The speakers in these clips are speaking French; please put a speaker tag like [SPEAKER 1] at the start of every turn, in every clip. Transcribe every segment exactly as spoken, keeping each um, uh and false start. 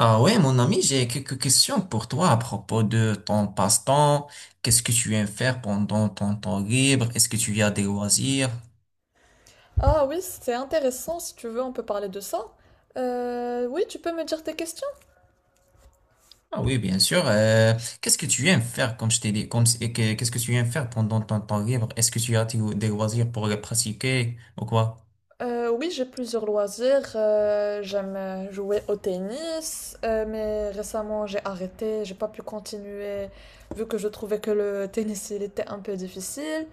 [SPEAKER 1] Ah ouais, mon ami, j'ai quelques questions pour toi à propos de ton passe-temps. Qu'est-ce que tu aimes faire pendant ton temps libre? Est-ce que tu as des loisirs?
[SPEAKER 2] Ah oui, c'est intéressant, si tu veux, on peut parler de ça. Euh, oui, tu peux me dire tes questions?
[SPEAKER 1] Ah oui, bien sûr. Euh, qu'est-ce que tu aimes faire, comme je t'ai dit, comme, et que- qu'est-ce que tu aimes faire pendant ton temps libre? Est-ce que tu as des des loisirs pour les pratiquer ou quoi?
[SPEAKER 2] Euh, oui, j'ai plusieurs loisirs. Euh, j'aime euh, jouer au tennis, euh, mais récemment j'ai arrêté, j'ai pas pu continuer vu que je trouvais que le tennis il était un peu difficile.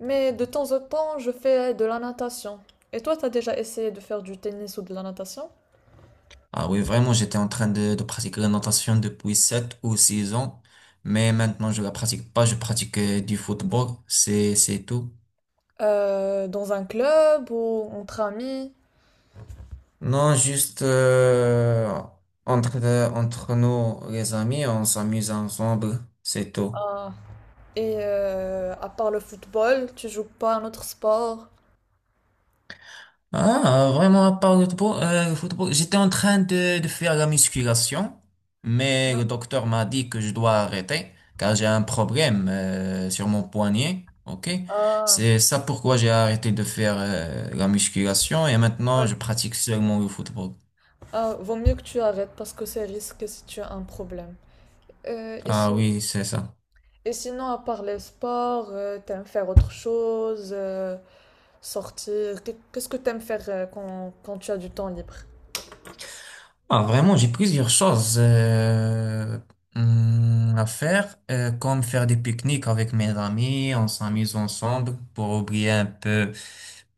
[SPEAKER 2] Mais de temps en temps, je fais de la natation. Et toi, t'as déjà essayé de faire du tennis ou de la natation?
[SPEAKER 1] Ah oui, vraiment, j'étais en train de, de pratiquer la natation depuis sept ou six ans, mais maintenant je la pratique pas, je pratique euh, du football, c'est, c'est tout.
[SPEAKER 2] Euh, dans un club ou entre amis?
[SPEAKER 1] Non, juste euh, entre, euh, entre nous, les amis, on s'amuse ensemble, c'est tout.
[SPEAKER 2] Et euh, à part le football, tu joues pas un autre sport?
[SPEAKER 1] Ah, vraiment, à part le football, euh, le football, j'étais en train de, de faire la musculation, mais
[SPEAKER 2] Non.
[SPEAKER 1] le docteur m'a dit que je dois arrêter car j'ai un problème euh, sur mon poignet. Ok,
[SPEAKER 2] Ah,
[SPEAKER 1] c'est ça pourquoi j'ai arrêté de faire euh, la musculation et maintenant
[SPEAKER 2] ouais.
[SPEAKER 1] je pratique seulement le football.
[SPEAKER 2] Ah, vaut mieux que tu arrêtes parce que c'est risqué si tu as un problème. Euh, et,
[SPEAKER 1] Ah
[SPEAKER 2] si-
[SPEAKER 1] oui, c'est ça.
[SPEAKER 2] Et sinon, à part les sports, euh, t'aimes faire autre chose, euh, sortir. Qu'est- Qu'est-ce que t'aimes faire euh, quand, quand tu as du temps libre?
[SPEAKER 1] Ah, vraiment, j'ai plusieurs choses euh, hum, à faire, euh, comme faire des pique-niques avec mes amis, on s'amuse ensemble pour oublier un peu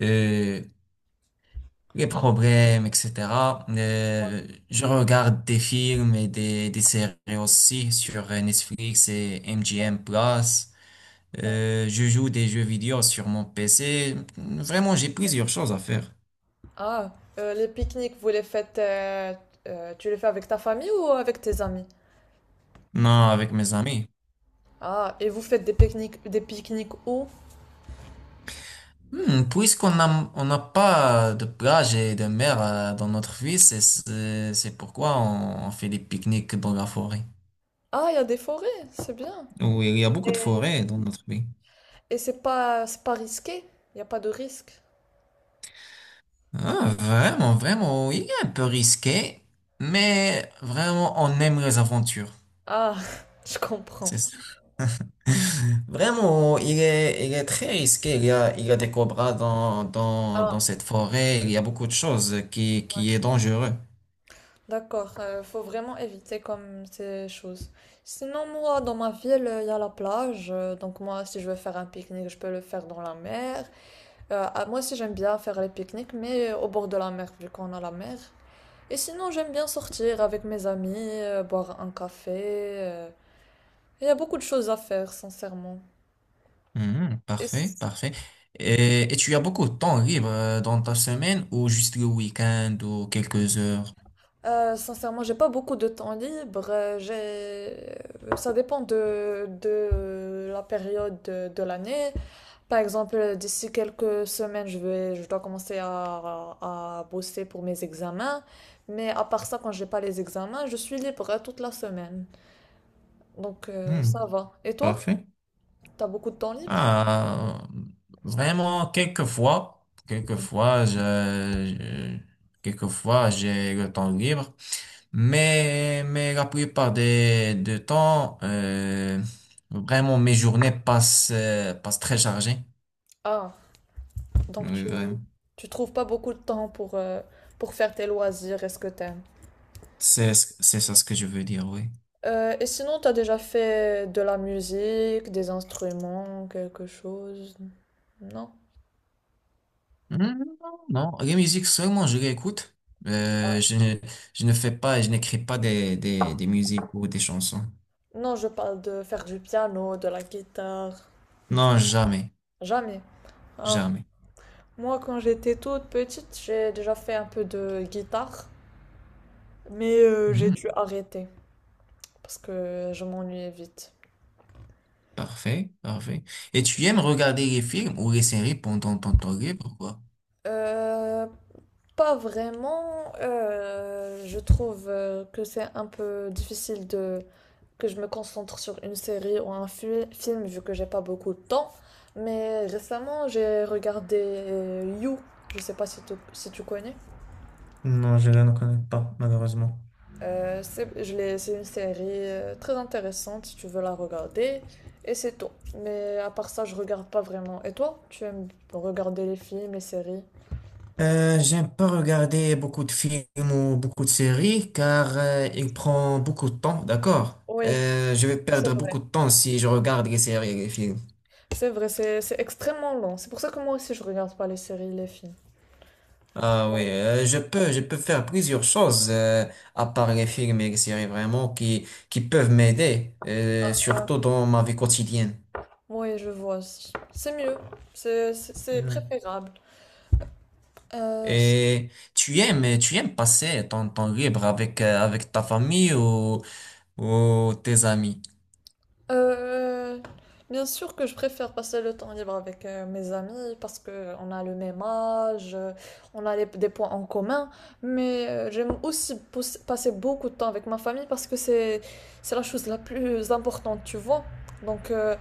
[SPEAKER 1] euh, les problèmes, et cetera. Euh, je regarde des films et des, des séries aussi sur euh, Netflix et M G M Plus.
[SPEAKER 2] Ouais.
[SPEAKER 1] Euh, je joue des jeux vidéo sur mon P C. Vraiment, j'ai plusieurs choses à faire.
[SPEAKER 2] Ah, euh, les pique-niques, vous les faites, euh, euh, tu les fais avec ta famille ou avec tes amis?
[SPEAKER 1] Non, avec mes amis.
[SPEAKER 2] Ah, et vous faites des pique-niques, des pique-niques où?
[SPEAKER 1] Hmm, puisqu'on a on n'a pas de plage et de mer euh, dans notre ville, c'est c'est c'est pourquoi on, on fait des pique-niques dans la forêt.
[SPEAKER 2] Ah, il y a des forêts, c'est bien.
[SPEAKER 1] Oui, il y a beaucoup de forêts dans notre pays.
[SPEAKER 2] Et c'est pas, c'est pas risqué? Il n'y a pas de risque?
[SPEAKER 1] Ah, vraiment, vraiment, oui, un peu risqué, mais vraiment, on aime les aventures.
[SPEAKER 2] Ah, je
[SPEAKER 1] C'est
[SPEAKER 2] comprends.
[SPEAKER 1] ça. Vraiment, il est, il est très risqué. Il y a, il y a des cobras dans, dans,
[SPEAKER 2] Ah,
[SPEAKER 1] dans cette forêt. Il y a beaucoup de choses qui, qui est dangereux.
[SPEAKER 2] d'accord. Euh, faut vraiment éviter comme ces choses. Sinon, moi, dans ma ville, il y a la plage. Euh, donc, moi, si je veux faire un pique-nique, je peux le faire dans la mer. Euh, ah, moi aussi, j'aime bien faire les pique-niques, mais au bord de la mer, vu qu'on a la mer. Et sinon, j'aime bien sortir avec mes amis, euh, boire un café. euh. Il y a beaucoup de choses à faire, sincèrement.
[SPEAKER 1] Mhm,
[SPEAKER 2] Et
[SPEAKER 1] parfait, parfait. Et, et tu as beaucoup de temps libre euh, dans ta semaine ou juste le week-end ou quelques heures?
[SPEAKER 2] Euh, sincèrement, j'ai pas beaucoup de temps libre. euh, J'ai... Ça dépend de, de la période de, de l'année. Par exemple, d'ici quelques semaines, je vais, je dois commencer à, à bosser pour mes examens. Mais à part ça, quand j'ai pas les examens, je suis libre euh, toute la semaine. Donc, euh,
[SPEAKER 1] Hmm,
[SPEAKER 2] ça va. Et toi,
[SPEAKER 1] parfait.
[SPEAKER 2] t'as beaucoup de temps libre?
[SPEAKER 1] Ah, vraiment, quelquefois, quelquefois, je, je- quelquefois, j'ai le temps libre, mais, mais la plupart des, de temps, euh, vraiment, mes journées passent, euh, passent très chargées.
[SPEAKER 2] Ah, donc
[SPEAKER 1] Oui,
[SPEAKER 2] tu,
[SPEAKER 1] vraiment.
[SPEAKER 2] Tu trouves pas beaucoup de temps pour, euh, pour faire tes loisirs et ce que t'aimes.
[SPEAKER 1] C'est, c'est ça ce que je veux dire, oui.
[SPEAKER 2] Euh, et sinon, t'as déjà fait de la musique, des instruments, quelque chose? Non.
[SPEAKER 1] Hmm, non, non, les musiques seulement je réécoute. Euh, je ne, je ne fais pas, je n'écris pas des, des, des musiques ou des chansons.
[SPEAKER 2] Non, je parle de faire du piano, de la guitare. Tu-
[SPEAKER 1] Non, jamais,
[SPEAKER 2] Jamais. Ah.
[SPEAKER 1] jamais.
[SPEAKER 2] Moi, quand j'étais toute petite, j'ai déjà fait un peu de guitare, mais euh, j'ai
[SPEAKER 1] Hmm,
[SPEAKER 2] dû arrêter parce que je m'ennuyais vite.
[SPEAKER 1] parfait, parfait. Et tu aimes regarder les films ou les séries pendant ton temps libre, pourquoi?
[SPEAKER 2] Euh, Pas vraiment. Euh, je trouve euh, que c'est un peu difficile de que je me concentre sur une série ou un fi- film vu que j'ai pas beaucoup de temps. Mais récemment, j'ai regardé euh, You. Je sais pas si tu, si tu connais.
[SPEAKER 1] Non, je ne connais pas, malheureusement.
[SPEAKER 2] Euh, c'est, je l'ai- c'est une série euh, très intéressante si tu veux la regarder. Et c'est tout. Mais à part ça, je regarde pas vraiment. Et toi, tu aimes regarder les films, les séries?
[SPEAKER 1] Euh, j'aime pas regarder beaucoup de films ou beaucoup de séries car euh, il prend beaucoup de temps, d'accord?
[SPEAKER 2] Oui,
[SPEAKER 1] Euh, je vais
[SPEAKER 2] c'est
[SPEAKER 1] perdre beaucoup
[SPEAKER 2] vrai.
[SPEAKER 1] de temps si je regarde les séries et les films.
[SPEAKER 2] C'est vrai, c'est c'est extrêmement long. C'est pour ça que moi aussi, je regarde pas les séries, les films.
[SPEAKER 1] Ah oui, euh, je peux, je peux faire plusieurs choses euh, à part les films et les séries vraiment qui, qui peuvent m'aider, euh, surtout dans ma vie quotidienne.
[SPEAKER 2] Oui, je vois. C'est mieux. C'est c'est- c'est
[SPEAKER 1] Ouais.
[SPEAKER 2] préférable. Euh,
[SPEAKER 1] Et tu aimes, tu aimes passer ton temps libre avec, euh, avec ta famille ou, ou tes amis?
[SPEAKER 2] euh, Bien sûr que je préfère passer le temps libre avec euh, mes amis parce que on a le même âge, euh, on a les- des points en commun, mais euh, j'aime aussi pos- passer beaucoup de temps avec ma famille parce que c'est c'est la chose la plus importante, tu vois. Donc euh,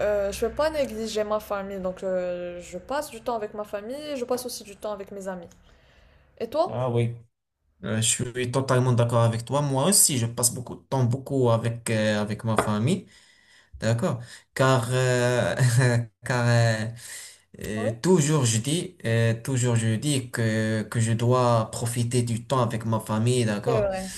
[SPEAKER 2] euh, je vais pas négliger ma famille, donc euh, je passe du temps avec ma famille, je passe aussi du temps avec mes amis. Et toi?
[SPEAKER 1] Ah oui. Euh, je suis totalement d'accord avec toi. Moi aussi, je passe beaucoup de temps, beaucoup avec, euh, avec ma famille. D'accord? Car, euh, car euh,
[SPEAKER 2] Oui,
[SPEAKER 1] euh, toujours je dis, euh, toujours je dis que, que je dois profiter du temps avec ma famille,
[SPEAKER 2] c'est
[SPEAKER 1] d'accord?
[SPEAKER 2] vrai.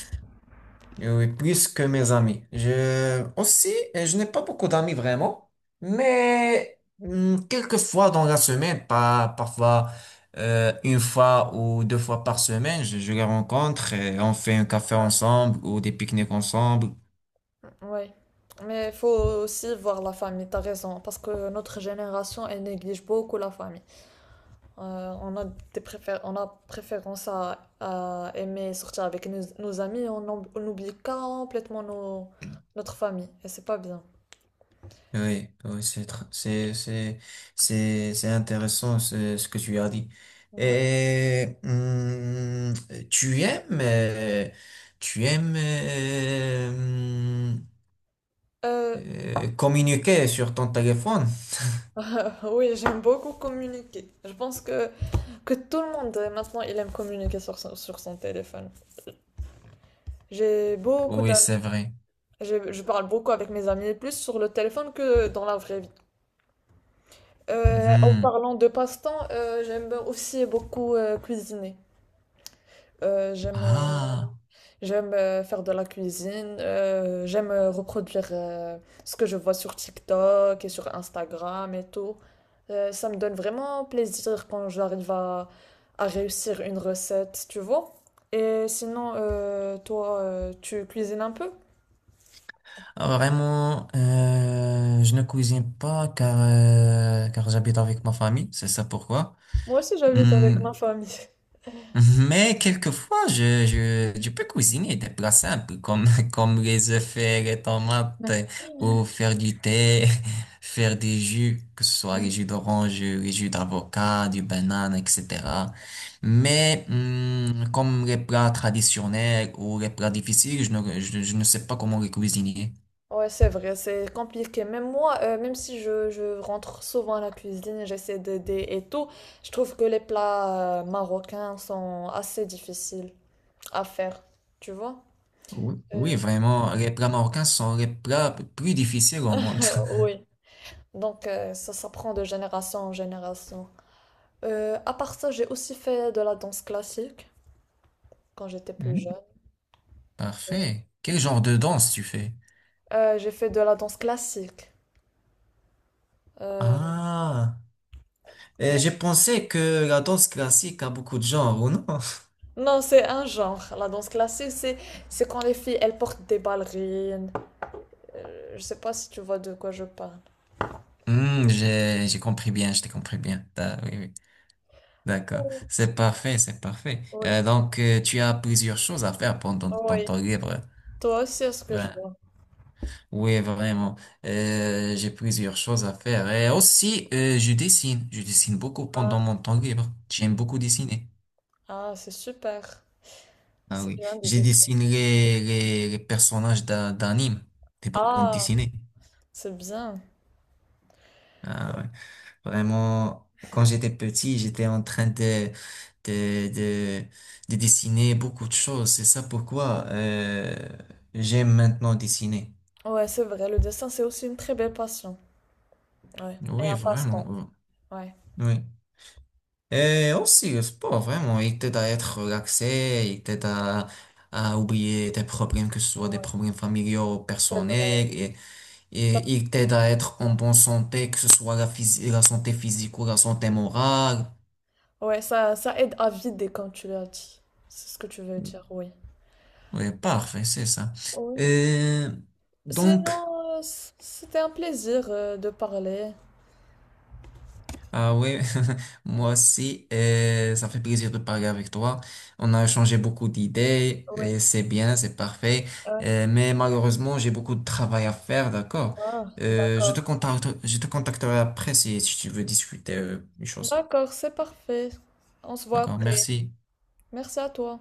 [SPEAKER 1] Euh, oui, plus que mes amis. Je, aussi, euh, je n'ai pas beaucoup d'amis vraiment, mais hum, quelques fois dans la semaine, pas, parfois euh, une fois ou deux fois par semaine, je, je les rencontre et on fait un café ensemble ou des pique-niques ensemble.
[SPEAKER 2] Oui, mais il faut aussi voir la famille, t'as raison, parce que notre génération, elle néglige beaucoup la famille. Euh, on a des préfé- on a préférence à, à aimer sortir avec nos, nos amis, on, oub- on oublie complètement nos- notre famille, et c'est pas bien.
[SPEAKER 1] Oui, oui, c'est tr- c'est c'est c'est c'est intéressant ce ce que tu as dit.
[SPEAKER 2] Ouais.
[SPEAKER 1] Et hum, tu aimes euh, tu aimes euh, hum,
[SPEAKER 2] Euh,
[SPEAKER 1] euh, communiquer sur ton téléphone?
[SPEAKER 2] oui, j'aime beaucoup communiquer. Je pense que, que tout le monde euh, maintenant, il aime communiquer sur son, sur son téléphone. J'ai beaucoup
[SPEAKER 1] Oui,
[SPEAKER 2] d'amis,
[SPEAKER 1] c'est vrai.
[SPEAKER 2] j'ai- je parle beaucoup avec mes amis, plus sur le téléphone que dans la vraie vie. Euh, en
[SPEAKER 1] Mhm.
[SPEAKER 2] parlant de passe-temps, euh, j'aime aussi beaucoup euh, cuisiner. Euh, j'aime euh,
[SPEAKER 1] Ah,
[SPEAKER 2] J'aime euh, faire de la cuisine, euh, j'aime euh, reproduire euh, ce que je vois sur TikTok et sur Instagram et tout. Euh, ça me donne vraiment plaisir quand j'arrive à, à réussir une recette, tu vois. Et sinon, euh, toi, euh, tu cuisines un peu?
[SPEAKER 1] ah, vraiment, euh, je ne cuisine pas car euh, car j'habite avec ma famille, c'est ça pourquoi.
[SPEAKER 2] Moi aussi, j'habite avec
[SPEAKER 1] Hum,
[SPEAKER 2] ma famille.
[SPEAKER 1] Mais quelquefois, je, je, je peux cuisiner des plats simples comme, comme les œufs faire les tomates ou faire du thé, faire des jus, que ce soit les jus d'orange, les jus d'avocat, du banane, et cetera. Mais hum, comme les plats traditionnels ou les plats difficiles, je ne, je, je ne sais pas comment les cuisiner.
[SPEAKER 2] Ouais, c'est vrai, c'est compliqué. Même moi, euh, même si je, je rentre souvent à la cuisine, j'essaie d'aider et tout, je trouve que les plats euh, marocains sont assez difficiles à faire, tu vois?
[SPEAKER 1] Oui,
[SPEAKER 2] Euh,
[SPEAKER 1] oui, vraiment, les plats marocains sont les plats plus difficiles au monde.
[SPEAKER 2] oui. Donc, euh, ça s'apprend de génération en génération. Euh, à part ça, j'ai aussi fait de la danse classique quand j'étais plus
[SPEAKER 1] Mhm.
[SPEAKER 2] jeune.
[SPEAKER 1] Parfait. Quel genre de danse tu fais?
[SPEAKER 2] Euh, j'ai fait de la danse classique. Euh,
[SPEAKER 1] Ah. Et j'ai pensé que la danse classique a beaucoup de genres, ou non?
[SPEAKER 2] non, c'est un genre. La danse classique, c'est c'est quand les filles, elles portent des ballerines. Euh, je sais pas si tu vois de quoi je parle.
[SPEAKER 1] Hmm, j'ai, j'ai compris bien, je t'ai compris bien. Ah, oui, oui. D'accord. C'est parfait, c'est parfait.
[SPEAKER 2] Oui.
[SPEAKER 1] Euh, donc, euh, tu as plusieurs choses à faire pendant ton
[SPEAKER 2] Oui.
[SPEAKER 1] temps libre.
[SPEAKER 2] Toi aussi, est-ce que je
[SPEAKER 1] Ben,
[SPEAKER 2] vois?
[SPEAKER 1] oui, vraiment. Euh, j'ai plusieurs choses à faire. Et aussi, euh, je dessine. Je dessine beaucoup pendant
[SPEAKER 2] Ah,
[SPEAKER 1] mon temps libre. J'aime beaucoup dessiner.
[SPEAKER 2] ah, c'est super.
[SPEAKER 1] Ah
[SPEAKER 2] C'est
[SPEAKER 1] oui.
[SPEAKER 2] bien le
[SPEAKER 1] J'ai
[SPEAKER 2] dessin.
[SPEAKER 1] dessiné les, les, les personnages d'un- d'anime, des bandes
[SPEAKER 2] Ah,
[SPEAKER 1] dessinées.
[SPEAKER 2] c'est bien.
[SPEAKER 1] Ah ouais. Vraiment, quand j'étais petit, j'étais en train de, de, de, de dessiner beaucoup de choses. C'est ça pourquoi euh, j'aime maintenant dessiner.
[SPEAKER 2] Ouais, c'est vrai. Le dessin, c'est aussi une très belle passion. Ouais. Et
[SPEAKER 1] Oui,
[SPEAKER 2] un
[SPEAKER 1] vraiment.
[SPEAKER 2] passe-temps. Ouais.
[SPEAKER 1] Oui. Et aussi, le sport, vraiment, il t'aide à être relaxé, il t'aide à, à oublier tes problèmes, que ce soit des
[SPEAKER 2] Ouais,
[SPEAKER 1] problèmes familiaux,
[SPEAKER 2] c'est vrai.
[SPEAKER 1] personnels, et, et
[SPEAKER 2] Ça-
[SPEAKER 1] il t'aide à être en bonne santé, que ce soit la, phys- la santé physique ou la santé morale.
[SPEAKER 2] Ouais, ça, ça aide à vider, comme tu l'as dit. C'est ce que tu veux dire, oui.
[SPEAKER 1] Oui, parfait, c'est ça.
[SPEAKER 2] Oui.
[SPEAKER 1] Euh, donc,
[SPEAKER 2] Sinon, euh, c- c'était un plaisir euh, de parler.
[SPEAKER 1] ah oui, moi aussi, euh, ça fait plaisir de parler avec toi. On a échangé beaucoup d'idées,
[SPEAKER 2] Oui.
[SPEAKER 1] et c'est bien, c'est parfait.
[SPEAKER 2] Ouais.
[SPEAKER 1] Euh, mais malheureusement, j'ai beaucoup de travail à faire, d'accord?
[SPEAKER 2] Ah,
[SPEAKER 1] Euh, je te
[SPEAKER 2] d'accord.
[SPEAKER 1] contacte, je te contacterai après si, si tu veux discuter euh, des choses.
[SPEAKER 2] D'accord, c'est parfait. On se voit
[SPEAKER 1] D'accord,
[SPEAKER 2] après.
[SPEAKER 1] merci.
[SPEAKER 2] Merci à toi.